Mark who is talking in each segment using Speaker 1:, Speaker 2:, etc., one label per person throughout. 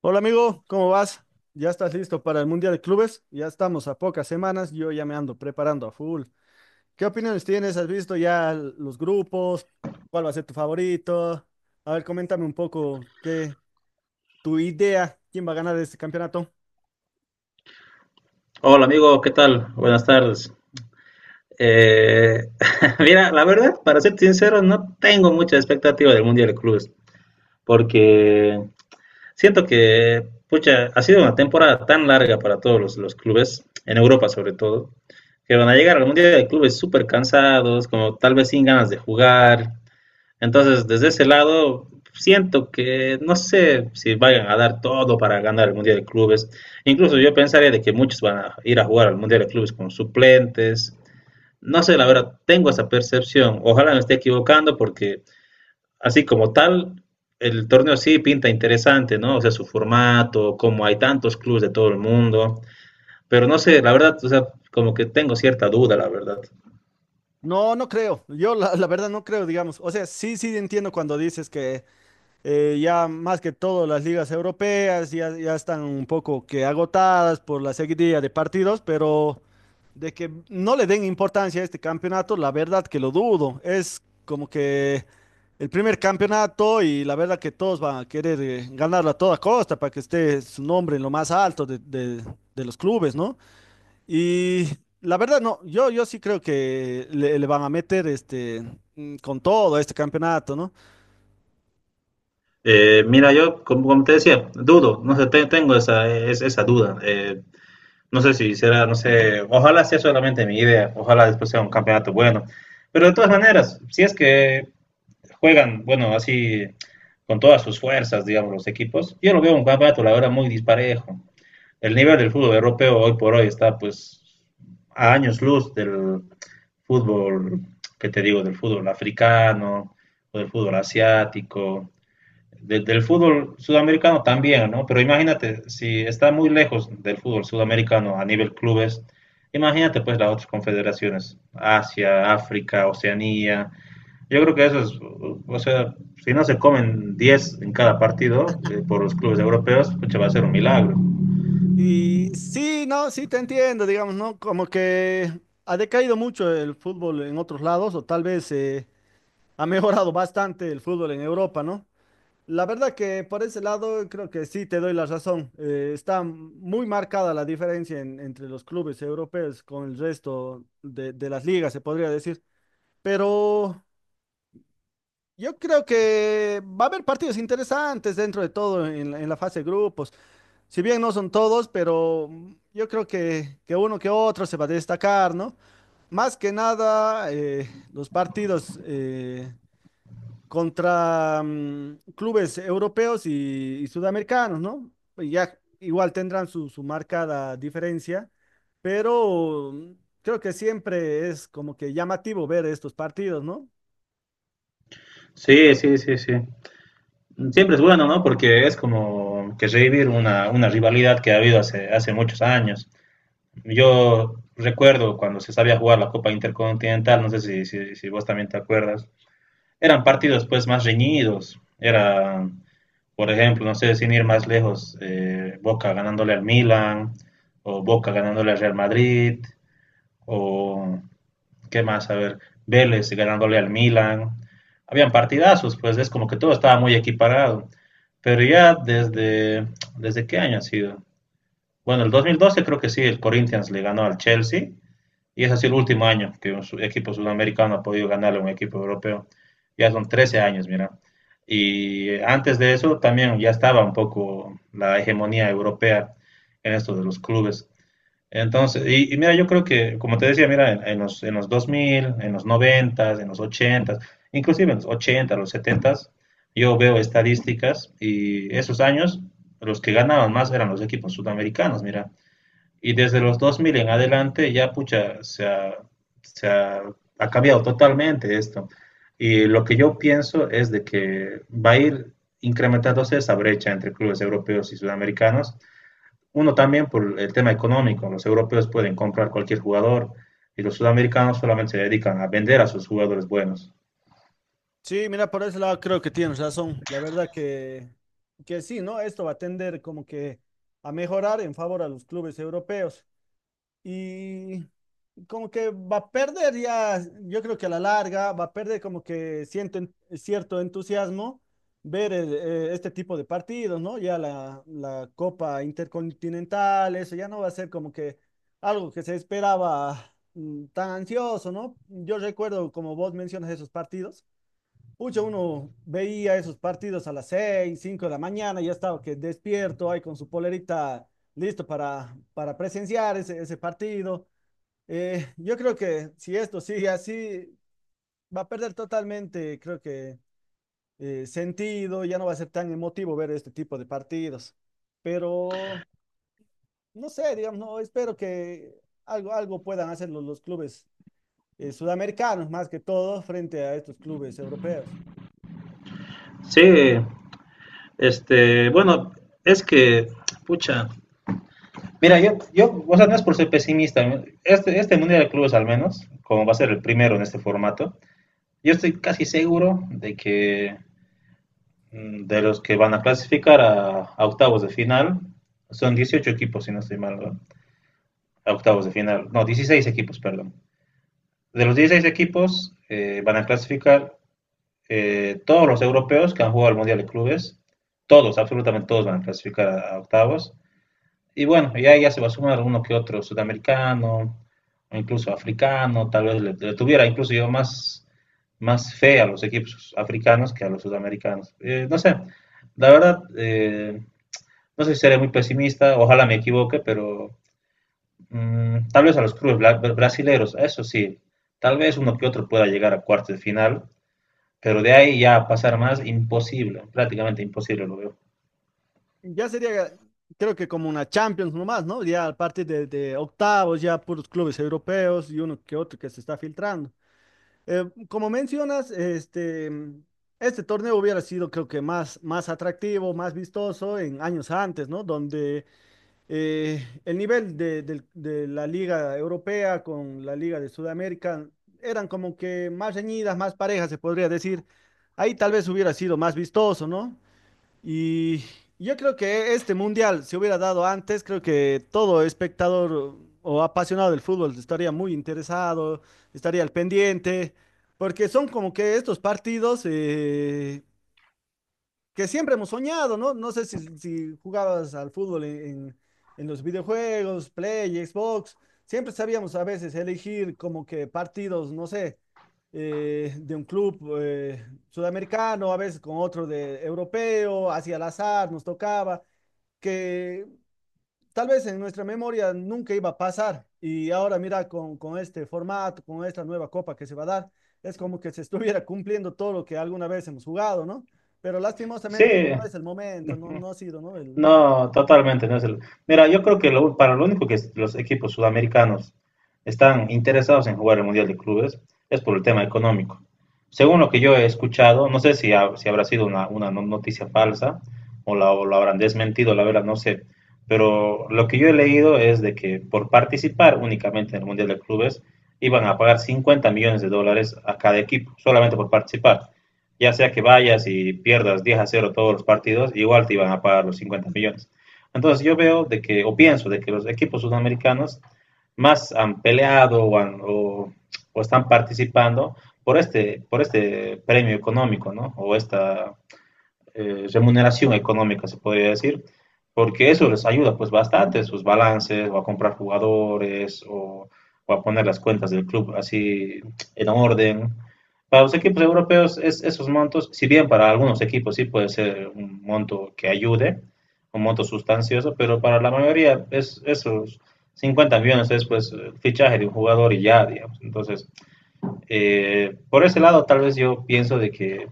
Speaker 1: Hola amigo, ¿cómo vas? ¿Ya estás listo para el Mundial de Clubes? Ya estamos a pocas semanas, yo ya me ando preparando a full. ¿Qué opiniones tienes? ¿Has visto ya los grupos? ¿Cuál va a ser tu favorito? A ver, coméntame un poco qué tu idea, quién va a ganar este campeonato.
Speaker 2: Hola amigo, ¿qué tal? Buenas tardes. Eh, mira, la verdad, para ser sincero, no tengo mucha expectativa del Mundial de Clubes, porque siento que, pucha, ha sido una temporada tan larga para todos los clubes, en Europa sobre todo, que van a llegar al Mundial de Clubes súper cansados, como tal vez sin ganas de jugar. Entonces, desde ese lado, siento que no sé si vayan a dar todo para ganar el Mundial de Clubes. Incluso yo pensaría de que muchos van a ir a jugar al Mundial de Clubes con suplentes. No sé, la verdad, tengo esa percepción. Ojalá me esté equivocando, porque así como tal, el torneo sí pinta interesante, ¿no? O sea, su formato, como hay tantos clubes de todo el mundo. Pero no sé, la verdad, o sea, como que tengo cierta duda, la verdad.
Speaker 1: No, no creo. Yo la verdad no creo, digamos. O sea, sí, sí entiendo cuando dices que ya más que todo las ligas europeas ya están un poco que agotadas por la seguidilla de partidos, pero de que no le den importancia a este campeonato, la verdad que lo dudo. Es como que el primer campeonato y la verdad que todos van a querer ganarlo a toda costa para que esté su nombre en lo más alto de los clubes, ¿no? Y la verdad no, yo sí creo que le van a meter con todo a este campeonato, ¿no?
Speaker 2: Mira, yo, como, como te decía, dudo, no sé, tengo esa, esa duda. No sé si será, no sé, ojalá sea solamente mi idea, ojalá después sea un campeonato bueno. Pero de todas maneras, si es que juegan, bueno, así con todas sus fuerzas, digamos, los equipos, yo lo veo un campeonato, la verdad, muy disparejo. El nivel del fútbol europeo hoy por hoy está, pues, a años luz del fútbol, que te digo, del fútbol africano o del fútbol asiático, del fútbol sudamericano también, ¿no? Pero imagínate, si está muy lejos del fútbol sudamericano a nivel clubes, imagínate pues las otras confederaciones, Asia, África, Oceanía. Yo creo que eso es, o sea, si no se comen 10 en cada partido por los clubes europeos, pucha, va a ser un milagro.
Speaker 1: Y sí, no, sí te entiendo, digamos, ¿no? Como que ha decaído mucho el fútbol en otros lados, o tal vez ha mejorado bastante el fútbol en Europa, ¿no? La verdad que por ese lado creo que sí te doy la razón. Está muy marcada la diferencia entre los clubes europeos con el resto de las ligas, se podría decir. Pero yo creo que va a haber partidos interesantes dentro de todo en la fase de grupos. Si bien no son todos, pero yo creo que uno que otro se va a destacar, ¿no? Más que nada, los partidos contra clubes europeos y sudamericanos, ¿no? Pues ya igual tendrán su marcada diferencia, pero creo que siempre es como que llamativo ver estos partidos, ¿no?
Speaker 2: Sí, sí, sí, sí. Siempre es bueno, ¿no? Porque es como que revivir una rivalidad que ha habido hace muchos años. Yo recuerdo cuando se sabía jugar la Copa Intercontinental, no sé si vos también te acuerdas. Eran partidos pues más reñidos, era, por ejemplo, no sé, sin ir más lejos, Boca ganándole al Milan, o Boca ganándole al Real Madrid, o qué más, a ver, Vélez ganándole al Milan. Habían partidazos, pues es como que todo estaba muy equiparado, pero ya desde, ¿desde qué año ha sido? Bueno, el 2012 creo que sí, el Corinthians le ganó al Chelsea, y es así el último año que un equipo sudamericano ha podido ganarle a un equipo europeo. Ya son 13 años, mira. Y antes de eso también ya estaba un poco la hegemonía europea en esto de los clubes. Entonces, y mira, yo creo que, como te decía, mira, en, en los dos mil, en los 90, en los 80, inclusive en los 80, los 70, yo veo estadísticas y esos años los que ganaban más eran los equipos sudamericanos, mira. Y desde los 2000 en adelante ya, pucha, se ha, ha cambiado totalmente esto. Y lo que yo pienso es de que va a ir incrementándose esa brecha entre clubes europeos y sudamericanos. Uno también por el tema económico. Los europeos pueden comprar cualquier jugador y los sudamericanos solamente se dedican a vender a sus jugadores buenos.
Speaker 1: Sí, mira, por ese lado creo que tienes razón. La verdad que sí, ¿no? Esto va a tender como que a mejorar en favor a los clubes europeos. Y como que va a perder ya, yo creo que a la larga va a perder como que siento cierto entusiasmo ver este tipo de partidos, ¿no? Ya la Copa Intercontinental, eso ya no va a ser como que algo que se esperaba tan ansioso, ¿no? Yo recuerdo, como vos mencionas, esos partidos. Pucha, uno veía esos partidos a las 6, 5 de la mañana, ya estaba que despierto ahí con su polerita listo para presenciar ese partido. Yo creo que si esto sigue así, va a perder totalmente, creo que sentido, ya no va a ser tan emotivo ver este tipo de partidos. Pero, no sé, digamos, no, espero que algo puedan hacer los clubes sudamericanos, más que todo, frente a estos clubes europeos.
Speaker 2: Sí, este, bueno, es que, pucha, mira, yo, o sea, no es por ser pesimista, ¿no? Este Mundial de Clubes, al menos, como va a ser el primero en este formato, yo estoy casi seguro de que de los que van a clasificar a octavos de final, son 18 equipos, si no estoy mal, ¿no? A octavos de final, no, 16 equipos, perdón. De los 16 equipos van a clasificar todos los europeos que han jugado al Mundial de Clubes. Todos, absolutamente todos van a clasificar a octavos. Y bueno, ya, se va a sumar uno que otro sudamericano, o incluso africano. Tal vez le tuviera incluso yo más, más fe a los equipos africanos que a los sudamericanos. No sé, la verdad, no sé si seré muy pesimista, ojalá me equivoque, pero tal vez a los clubes brasileños, eso sí, tal vez uno que otro pueda llegar a cuartos de final, pero de ahí ya a pasar más, imposible, prácticamente imposible lo veo.
Speaker 1: Ya sería, creo que como una Champions nomás, ¿no? Ya a partir de octavos, ya puros clubes europeos y uno que otro que se está filtrando. Como mencionas, este torneo hubiera sido, creo que más, más atractivo, más vistoso en años antes, ¿no? Donde el nivel de la Liga Europea con la Liga de Sudamérica eran como que más reñidas, más parejas, se podría decir. Ahí tal vez hubiera sido más vistoso, ¿no? Y yo creo que este mundial se hubiera dado antes, creo que todo espectador o apasionado del fútbol estaría muy interesado, estaría al pendiente, porque son como que estos partidos que siempre hemos soñado, ¿no? No sé si, si jugabas al fútbol en los videojuegos, Play, Xbox, siempre sabíamos a veces elegir como que partidos, no sé, de un club sudamericano, a veces con otro de europeo, hacia el azar nos tocaba, que tal vez en nuestra memoria nunca iba a pasar. Y ahora mira, con este formato, con esta nueva copa que se va a dar, es como que se estuviera cumpliendo todo lo que alguna vez hemos jugado, ¿no? Pero
Speaker 2: Sí,
Speaker 1: lastimosamente no es el momento, no, no ha sido, ¿no? El...
Speaker 2: no, totalmente no es el. Mira, yo creo que para lo único que los equipos sudamericanos están interesados en jugar el Mundial de Clubes es por el tema económico. Según lo que yo he escuchado, no sé si, si habrá sido una, noticia falsa, o la habrán desmentido, la verdad no sé. Pero lo que yo he leído es de que por participar únicamente en el Mundial de Clubes iban a pagar 50 millones de dólares a cada equipo, solamente por participar, ya sea que vayas y pierdas 10-0 todos los partidos, igual te iban a pagar los 50 millones. Entonces yo veo de que, o pienso de que los equipos sudamericanos más han peleado o, han, o están participando por este premio económico, ¿no? O esta, remuneración económica, se podría decir, porque eso les ayuda pues bastante, sus balances, o a comprar jugadores, o a poner las cuentas del club así en orden. Para los equipos europeos, es, esos montos, si bien para algunos equipos sí puede ser un monto que ayude, un monto sustancioso, pero para la mayoría es esos 50 millones es pues el fichaje de un jugador y ya, digamos. Entonces, por ese lado, tal vez yo pienso de que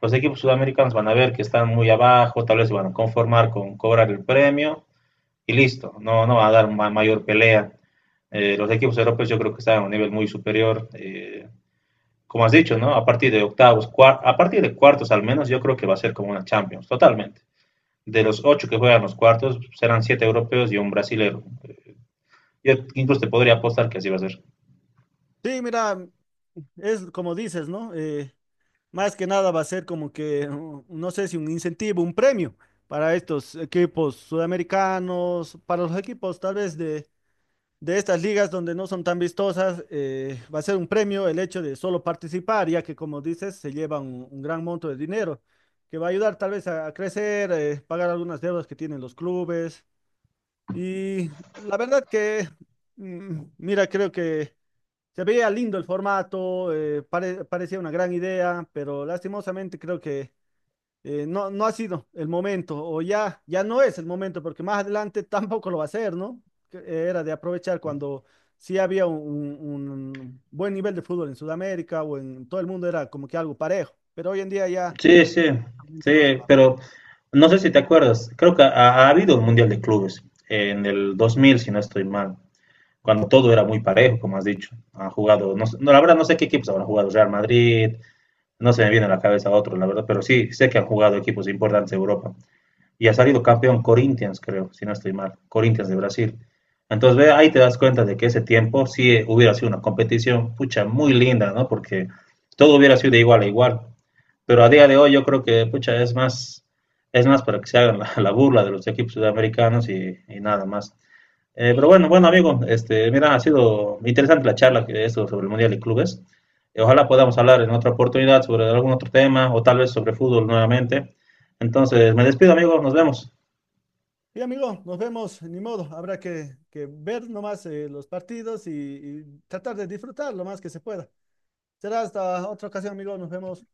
Speaker 2: los equipos sudamericanos van a ver que están muy abajo, tal vez se van a conformar con cobrar el premio y listo, no, no va a dar ma mayor pelea. Los equipos europeos yo creo que están a un nivel muy superior. Como has dicho, ¿no? A partir de octavos, a partir de cuartos al menos, yo creo que va a ser como una Champions, totalmente. De los ocho que juegan los cuartos, serán siete europeos y un brasilero. Yo incluso te podría apostar que así va a ser.
Speaker 1: Sí, mira, es como dices, ¿no? Más que nada va a ser como que, no sé si un incentivo, un premio para estos equipos sudamericanos, para los equipos tal vez de estas ligas donde no son tan vistosas, va a ser un premio el hecho de solo participar, ya que como dices, se lleva un gran monto de dinero, que va a ayudar tal vez a crecer, pagar algunas deudas que tienen los clubes. Y la verdad que, mira, creo que se veía lindo el formato, parecía una gran idea, pero lastimosamente creo que no, no ha sido el momento, o ya, ya no es el momento, porque más adelante tampoco lo va a ser, ¿no? Que era de aprovechar cuando sí había un- buen nivel de fútbol en Sudamérica o en todo el mundo, era como que algo parejo, pero hoy en día ya
Speaker 2: Sí, sí,
Speaker 1: realmente
Speaker 2: sí,
Speaker 1: no se va.
Speaker 2: pero no sé si te acuerdas, creo que ha, habido un Mundial de Clubes en el 2000, si no estoy mal, cuando todo era muy parejo, como has dicho. Han jugado, no, la verdad no sé qué equipos habrán jugado. Real Madrid, no se me viene a la cabeza otro, la verdad, pero sí sé que han jugado equipos importantes de Europa y ha salido campeón Corinthians, creo, si no estoy mal, Corinthians de Brasil. Entonces, ve, ahí te das cuenta de que ese tiempo sí hubiera sido una competición, pucha, muy linda, ¿no? Porque todo hubiera sido de igual a igual. Pero a día de hoy yo creo que, pucha, es más para que se hagan la burla de los equipos sudamericanos y nada más. Pero bueno, bueno amigo, este, mira, ha sido interesante la charla que esto sobre el Mundial de Clubes. Ojalá podamos hablar en otra oportunidad sobre algún otro tema o tal vez sobre fútbol nuevamente. Entonces, me despido, amigo, nos vemos.
Speaker 1: Y amigo, nos vemos, ni modo, habrá que ver nomás los partidos y tratar de disfrutar lo más que se pueda. Será hasta otra ocasión, amigo, nos vemos.